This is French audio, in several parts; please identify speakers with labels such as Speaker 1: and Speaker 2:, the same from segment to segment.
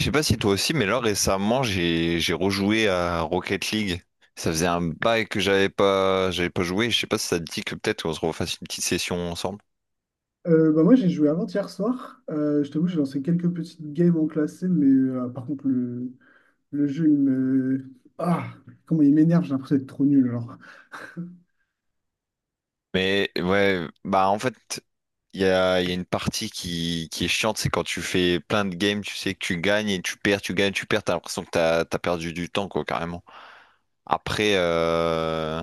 Speaker 1: Je sais pas si toi aussi, mais là récemment j'ai rejoué à Rocket League. Ça faisait un bail que j'avais pas joué. Je sais pas si ça te dit que peut-être on se refasse une petite session ensemble.
Speaker 2: Bah moi j'ai joué avant-hier soir. Je t'avoue, j'ai lancé quelques petites games en classé, mais par contre le jeu il me. Ah, Comment il m'énerve, j'ai l'impression d'être trop nul alors.
Speaker 1: Mais ouais, bah en fait il y a une partie qui est chiante, c'est quand tu fais plein de games, tu sais que tu gagnes et tu perds, tu gagnes, tu perds, t'as l'impression que t'as perdu du temps quoi carrément. Après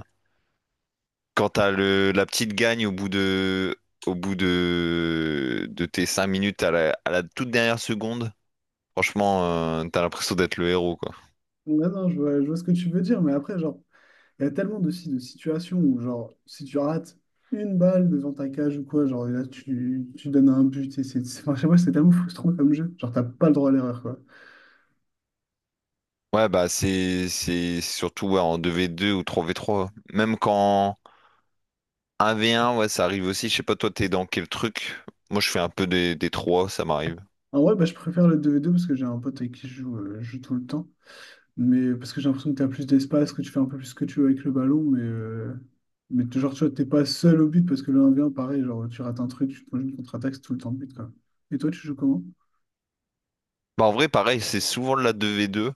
Speaker 1: quand t'as le la petite gagne au bout de tes 5 minutes à la toute dernière seconde. Franchement, t'as l'impression d'être le héros, quoi.
Speaker 2: Ouais, non, je vois ce que tu veux dire, mais après, genre, il y a tellement de situations où, genre, si tu rates une balle devant ta cage ou quoi, genre, et là tu donnes un but Enfin, je sais pas, c'est tellement frustrant comme jeu. Genre, t'as pas le droit à l'erreur, quoi.
Speaker 1: Ouais, bah c'est surtout ouais, en deux v deux ou trois v trois. Même quand un v un, ouais, ça arrive aussi. Je sais pas, toi, t'es dans quel truc? Moi, je fais un peu des 3, ça m'arrive.
Speaker 2: En vrai, bah, je préfère le 2v2 parce que j'ai un pote avec qui je joue tout le temps. Mais parce que j'ai l'impression que tu as plus d'espace, que tu fais un peu plus ce que tu veux avec le ballon, mais, genre, tu vois, t'es pas seul au but parce que le 1v1, pareil, genre, tu rates un truc, tu te prends une contre-attaque, c'est tout le temps but, quoi. Et toi, tu joues comment?
Speaker 1: Bah en vrai, pareil, c'est souvent de la deux v deux.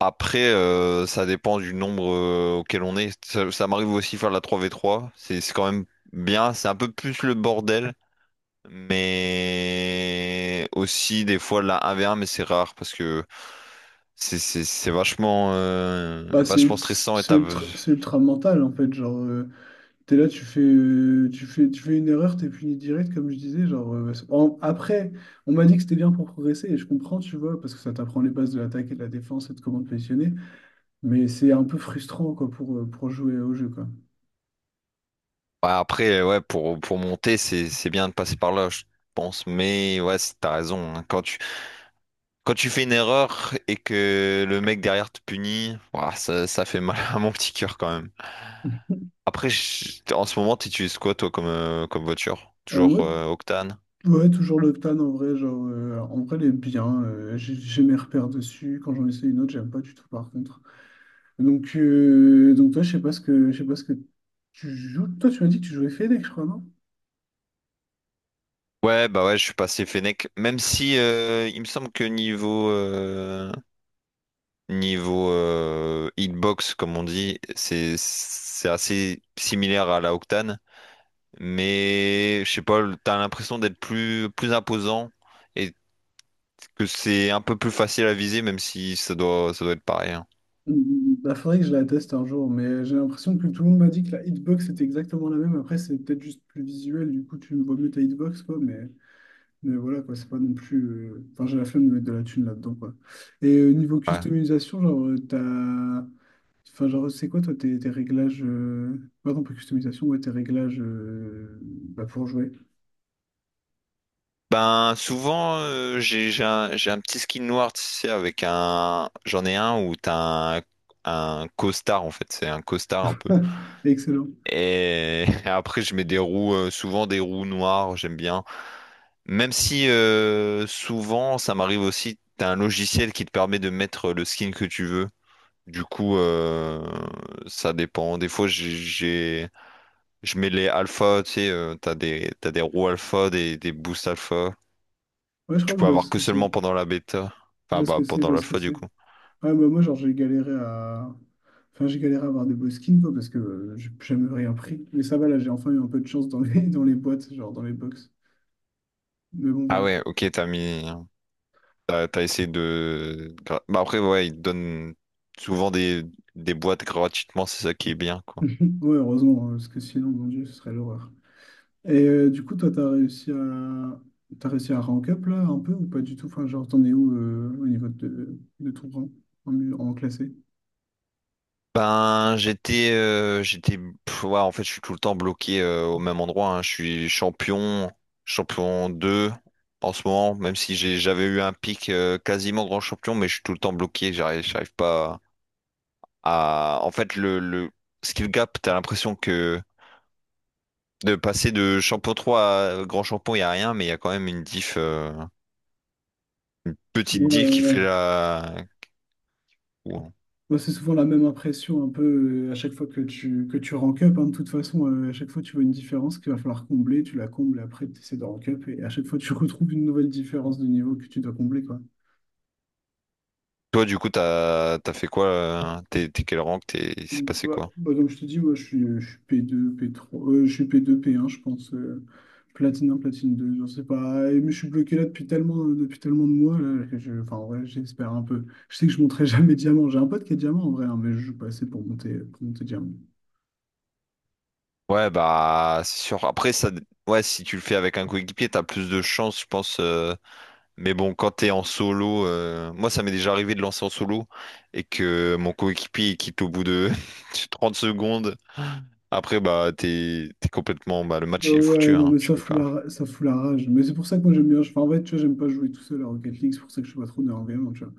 Speaker 1: Après, ça dépend du nombre auquel on est. Ça m'arrive aussi de faire de la trois v trois. C'est quand même bien. C'est un peu plus le bordel, mais aussi des fois la 1v1, mais c'est rare parce que c'est vachement,
Speaker 2: Bah,
Speaker 1: vachement stressant et
Speaker 2: c'est ultra mental, en fait. T'es là, tu fais une erreur, t'es puni direct, comme je disais. Après, on m'a dit que c'était bien pour progresser, et je comprends, tu vois, parce que ça t'apprend les bases de l'attaque et de la défense et de comment te positionner, mais c'est un peu frustrant, quoi, pour jouer au jeu, quoi.
Speaker 1: ouais, après, ouais, pour monter, c'est bien de passer par là, je pense. Mais ouais, t'as raison, hein. Quand tu fais une erreur et que le mec derrière te punit, ouah, ça fait mal à mon petit cœur quand même. Après, en ce moment, t'utilises quoi, toi, comme, comme voiture?
Speaker 2: Euh,
Speaker 1: Toujours
Speaker 2: moi,
Speaker 1: Octane?
Speaker 2: Ouais, toujours l'Octane en vrai, en vrai, elle est bien. J'ai mes repères dessus. Quand j'en essaie une autre, j'aime pas du tout par contre. Donc toi, je sais pas ce que tu joues. Toi, tu m'as dit que tu jouais Fennec, je crois, non?
Speaker 1: Ouais, bah ouais, je suis passé Fennec. Même si il me semble que niveau hitbox, comme on dit, c'est assez similaire à la Octane, mais je sais pas, t'as l'impression d'être plus imposant et que c'est un peu plus facile à viser, même si ça doit être pareil, hein.
Speaker 2: Il faudrait que je la teste un jour, mais j'ai l'impression que tout le monde m'a dit que la hitbox était exactement la même. Après, c'est peut-être juste plus visuel, du coup, tu vois mieux ta hitbox, quoi, mais voilà, quoi, c'est pas non plus. Enfin, j'ai la flemme de mettre de la thune là-dedans, quoi. Et niveau
Speaker 1: Ouais.
Speaker 2: customisation, t'as. Enfin, genre, c'est quoi toi tes réglages, pardon, pas customisation, ouais, tes réglages bah, pour jouer.
Speaker 1: Ben souvent j'ai un petit skin noir, tu sais, avec un j'en ai un où t'as un costard en fait, c'est un costard un peu.
Speaker 2: Excellent.
Speaker 1: Et après, je mets des roues, souvent des roues noires, j'aime bien. Même si souvent, ça m'arrive aussi, t'as un logiciel qui te permet de mettre le skin que tu veux. Du coup, ça dépend. Des fois, je mets les alpha, tu sais, t'as des roues alpha, des boosts alpha,
Speaker 2: Ouais,
Speaker 1: que
Speaker 2: je
Speaker 1: tu
Speaker 2: crois que je
Speaker 1: peux
Speaker 2: vois
Speaker 1: avoir
Speaker 2: ce
Speaker 1: que
Speaker 2: que c'est.
Speaker 1: seulement pendant la bêta. Enfin, bah,
Speaker 2: Je
Speaker 1: pendant
Speaker 2: vois ce que
Speaker 1: l'alpha,
Speaker 2: c'est.
Speaker 1: du coup.
Speaker 2: Ouais, bah, moi, genre, j'ai galéré à. Enfin, j'ai galéré à avoir des beaux skins, quoi, parce que j'ai jamais rien pris. Mais ça va, là, j'ai enfin eu un peu de chance dans les, dans les boîtes, genre dans les box. Mais bon,
Speaker 1: Ah
Speaker 2: voilà.
Speaker 1: ouais, ok, t'as mis. T'as essayé de... bah après, ouais, ils te donnent souvent des boîtes gratuitement, c'est ça qui est bien, quoi.
Speaker 2: Ouais, heureusement, hein, parce que sinon, mon Dieu, ce serait l'horreur. Et du coup, toi, t'as réussi à rank up là un peu ou pas du tout? Enfin, genre, t'en es où au niveau de ton rang en classé?
Speaker 1: Ben, j'étais... pff, ouais, en fait, je suis tout le temps bloqué au même endroit, hein. Je suis champion, champion 2 en ce moment, même si j'avais eu un pic quasiment grand champion, mais je suis tout le temps bloqué. J'arrive pas à... En fait, le skill gap, t'as l'impression que de passer de champion 3 à grand champion, il n'y a rien, mais il y a quand même une une
Speaker 2: Ouais,
Speaker 1: petite div qui
Speaker 2: ouais, ouais.
Speaker 1: fait la... Ou-
Speaker 2: Moi, c'est souvent la même impression un peu à chaque fois que tu rank up, hein. De toute façon, à chaque fois, tu vois une différence qu'il va falloir combler, tu la combles et après, tu essaies de rank up. Et à chaque fois, tu retrouves une nouvelle différence de niveau que tu dois combler, quoi.
Speaker 1: toi, du coup, t'as fait quoi? T'es quel rank? T'es... Il s'est passé
Speaker 2: Ouais,
Speaker 1: quoi?
Speaker 2: bah, comme je te dis, moi, je suis P2, P3, je suis P2, P1, je pense. Platine 1 platine 2, je sais pas. Mais je suis bloqué là depuis tellement de mois là, enfin, ouais, j'espère un peu. Je sais que je monterai jamais diamant. J'ai un pote qui est diamant en vrai, hein, mais je joue pas assez pour monter diamant.
Speaker 1: Ouais, bah, c'est sûr. Après, ça... ouais, si tu le fais avec un coéquipier, t'as plus de chance, je pense. Mais bon, quand t'es en solo... moi, ça m'est déjà arrivé de lancer en solo et que mon coéquipier il quitte au bout de 30 secondes. Après, bah, t'es complètement... bah, le
Speaker 2: Bah
Speaker 1: match, il est foutu,
Speaker 2: ouais, non,
Speaker 1: hein.
Speaker 2: mais
Speaker 1: Je
Speaker 2: ça
Speaker 1: peux plus
Speaker 2: fout
Speaker 1: rien faire.
Speaker 2: ça fout la rage. Mais c'est pour ça que moi j'aime bien. Enfin, en fait, tu vois, j'aime pas jouer tout seul à Rocket League, c'est pour ça que je suis pas trop nerveux, tu vois.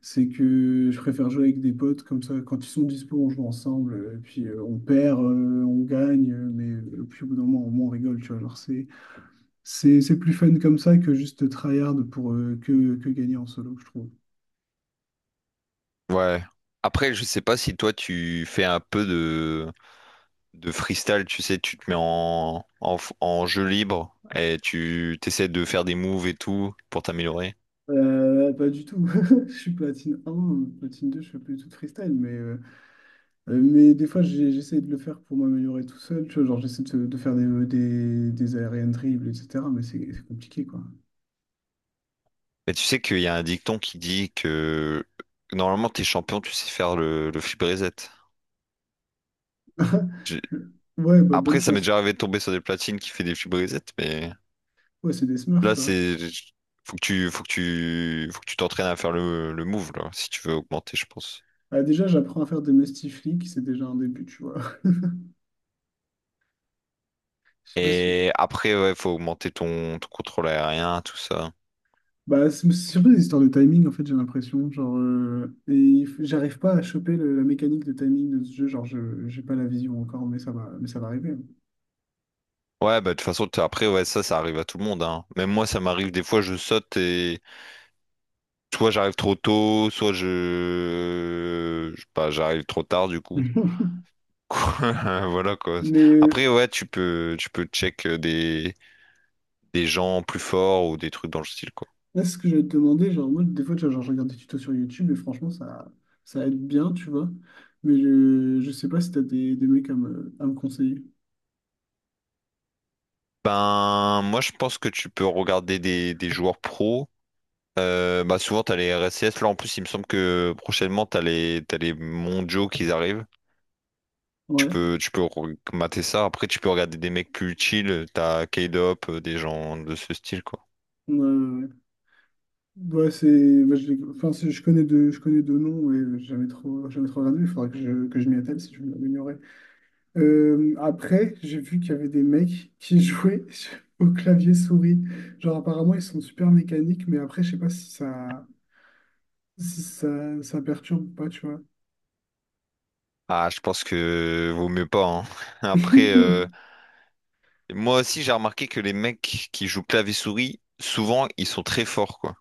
Speaker 2: C'est que je préfère jouer avec des potes, comme ça, quand ils sont dispo, on joue ensemble, et puis on perd, on gagne, puis au bout d'un moment, au moins, on rigole, tu vois. C'est plus fun comme ça que juste tryhard pour que gagner en solo, je trouve.
Speaker 1: Ouais. Après, je sais pas si toi, tu fais un peu de freestyle, tu sais, tu te mets en, en jeu libre et tu t'essaies de faire des moves et tout pour t'améliorer.
Speaker 2: Pas du tout. Je suis platine 1, platine 2, je fais plus du tout de freestyle, mais. Mais des fois, j'essaie de le faire pour m'améliorer tout seul. Tu vois, genre, j'essaie de faire des aériennes dribbles, etc. Mais c'est compliqué, quoi.
Speaker 1: Mais tu sais qu'il y a un dicton qui dit que normalement t'es champion, tu sais faire le flip reset. J'ai-
Speaker 2: Ouais, bah, bonne
Speaker 1: Après, ça m'est
Speaker 2: chance.
Speaker 1: déjà arrivé de tomber sur des platines qui fait des flip reset, mais
Speaker 2: Ouais, c'est des smurfs,
Speaker 1: là
Speaker 2: quoi.
Speaker 1: c'est faut que tu t'entraînes à faire le move là, si tu veux augmenter, je pense.
Speaker 2: Ah, déjà, j'apprends à faire des mestifliques, c'est déjà un début, tu vois. Je sais pas si...
Speaker 1: Et après, ouais, faut augmenter ton contrôle aérien, tout ça.
Speaker 2: Bah, c'est surtout des histoires de timing, en fait, j'ai l'impression. J'arrive pas à choper la mécanique de timing de ce jeu. J'ai pas la vision encore, mais ça va, ça va arriver.
Speaker 1: Ouais, bah, de toute façon, après, ouais, ça arrive à tout le monde, hein. Même moi, ça m'arrive des fois, je saute et soit j'arrive trop tôt, soit je sais pas, j'arrive trop tard, du coup. Voilà, quoi.
Speaker 2: Mais,
Speaker 1: Après, ouais, tu peux check des gens plus forts ou des trucs dans le style, quoi.
Speaker 2: Là, c'est ce que je vais te demander, genre, moi, des fois, tu vois, genre, je regarde des tutos sur YouTube et franchement, ça aide bien, tu vois. Mais je sais pas si t'as des mecs à à me conseiller.
Speaker 1: Ben, moi, je pense que tu peux regarder des joueurs pros. Bah, souvent, t'as les RSCS. Là, en plus, il me semble que prochainement, t'as les mondiaux qui arrivent.
Speaker 2: Ouais.
Speaker 1: Tu peux mater ça. Après, tu peux regarder des mecs plus chill. T'as K-Dop, des gens de ce style, quoi.
Speaker 2: Ouais, ouais, ouais. Ouais, c'est, bah, je connais deux noms, mais jamais trop regardé. Il faudra que je m'y attelle si je veux m'améliorer. Après, j'ai vu qu'il y avait des mecs qui jouaient au clavier souris. Genre, apparemment, ils sont super mécaniques, mais après, je sais pas si ça, ça perturbe ou pas, tu vois.
Speaker 1: Ah, je pense que vaut mieux pas, hein. Après, moi aussi, j'ai remarqué que les mecs qui jouent clavier-souris, souvent, ils sont très forts, quoi.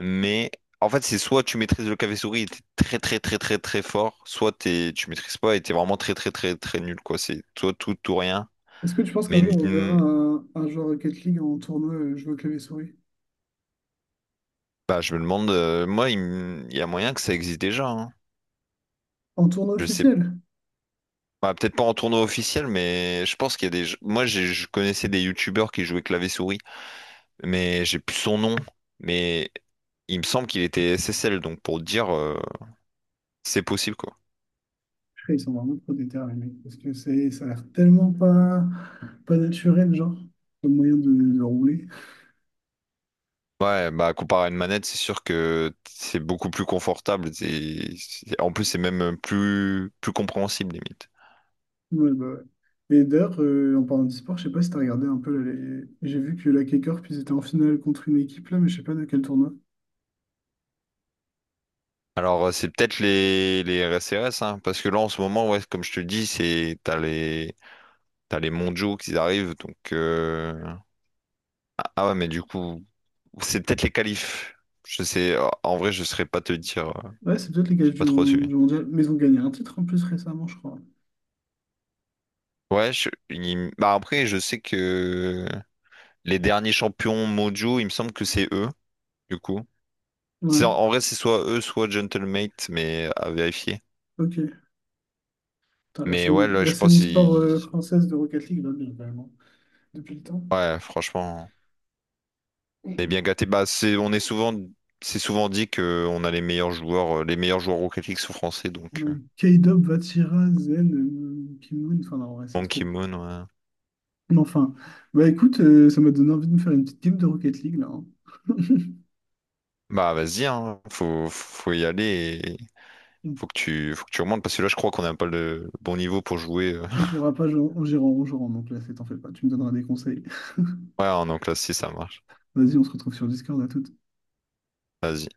Speaker 1: Mais en fait, c'est soit tu maîtrises le clavier-souris et t'es très, très, très, très, très fort, soit t'es, tu maîtrises pas et t'es vraiment très, très, très, très nul, quoi. C'est soit tout, tout rien.
Speaker 2: Est-ce que tu penses qu'un
Speaker 1: Mais
Speaker 2: jour on verra
Speaker 1: hmm,
Speaker 2: un joueur Rocket League en tournoi jouer au clavier-souris?
Speaker 1: bah, je me demande, moi, il y a moyen que ça existe déjà, hein.
Speaker 2: En tournoi
Speaker 1: Je sais
Speaker 2: officiel?
Speaker 1: bah, peut-être pas en tournoi officiel, mais je pense qu'il y a des. Moi, je connaissais des youtubeurs qui jouaient clavier-souris, mais j'ai plus son nom. Mais il me semble qu'il était SSL, donc pour te dire, c'est possible quoi.
Speaker 2: Après, ils sont vraiment trop déterminés parce que c'est, ça a l'air tellement pas, pas naturel, genre, le moyen de rouler.
Speaker 1: Ouais, bah comparé à une manette, c'est sûr que c'est beaucoup plus confortable. En plus, c'est même plus compréhensible limite.
Speaker 2: Ouais, bah ouais. Et d'ailleurs, en parlant de sport, je sais pas si t'as regardé un peu là, j'ai vu que la K-Corp, ils étaient en finale contre une équipe là, mais je sais pas de quel tournoi.
Speaker 1: Alors, c'est peut-être les RSRS, hein, parce que là en ce moment, ouais, comme je te dis, c'est t'as les mondiaux qui arrivent, donc ah ouais, mais du coup. C'est peut-être les qualifs. Je sais, en vrai, je saurais pas te dire. Euh,
Speaker 2: Ouais, c'est peut-être les
Speaker 1: j'ai
Speaker 2: gaffes
Speaker 1: pas trop suivi.
Speaker 2: du mondial, mais ils ont gagné un titre en plus récemment, je crois.
Speaker 1: Ouais, bah après, je sais que les derniers champions mondiaux, il me semble que c'est eux, du coup. C'est,
Speaker 2: Ouais,
Speaker 1: en vrai, c'est soit eux, soit Gentlemate, mais à vérifier.
Speaker 2: ok. Putain,
Speaker 1: Mais ouais, là,
Speaker 2: la
Speaker 1: je
Speaker 2: scène
Speaker 1: pense,
Speaker 2: e-sport
Speaker 1: il...
Speaker 2: française de Rocket League va bien, vraiment, depuis le temps.
Speaker 1: ouais, franchement, on est bien gâtés. Bah, c'est, c'est souvent dit que on a les meilleurs joueurs Rocket League sont français, donc
Speaker 2: Ouais, K-Dub, Vatira, Zen, Kim Moon, enfin non, ouais, c'est trop.
Speaker 1: Monkey Moon, ouais.
Speaker 2: Mais enfin, bah écoute, ça m'a donné envie de me faire une petite game de Rocket League là, hein.
Speaker 1: Bah, vas-y, hein, faut y aller.
Speaker 2: On
Speaker 1: Faut que tu remontes parce que là, je crois qu'on n'a pas le bon niveau pour jouer, euh.
Speaker 2: on pourra pas jouer en en gérant en jouant, donc là, c'est t'en fais pas, tu me donneras des conseils.
Speaker 1: Ouais, en classe si ça marche.
Speaker 2: Vas-y, on se retrouve sur Discord à tout.
Speaker 1: Vas-y.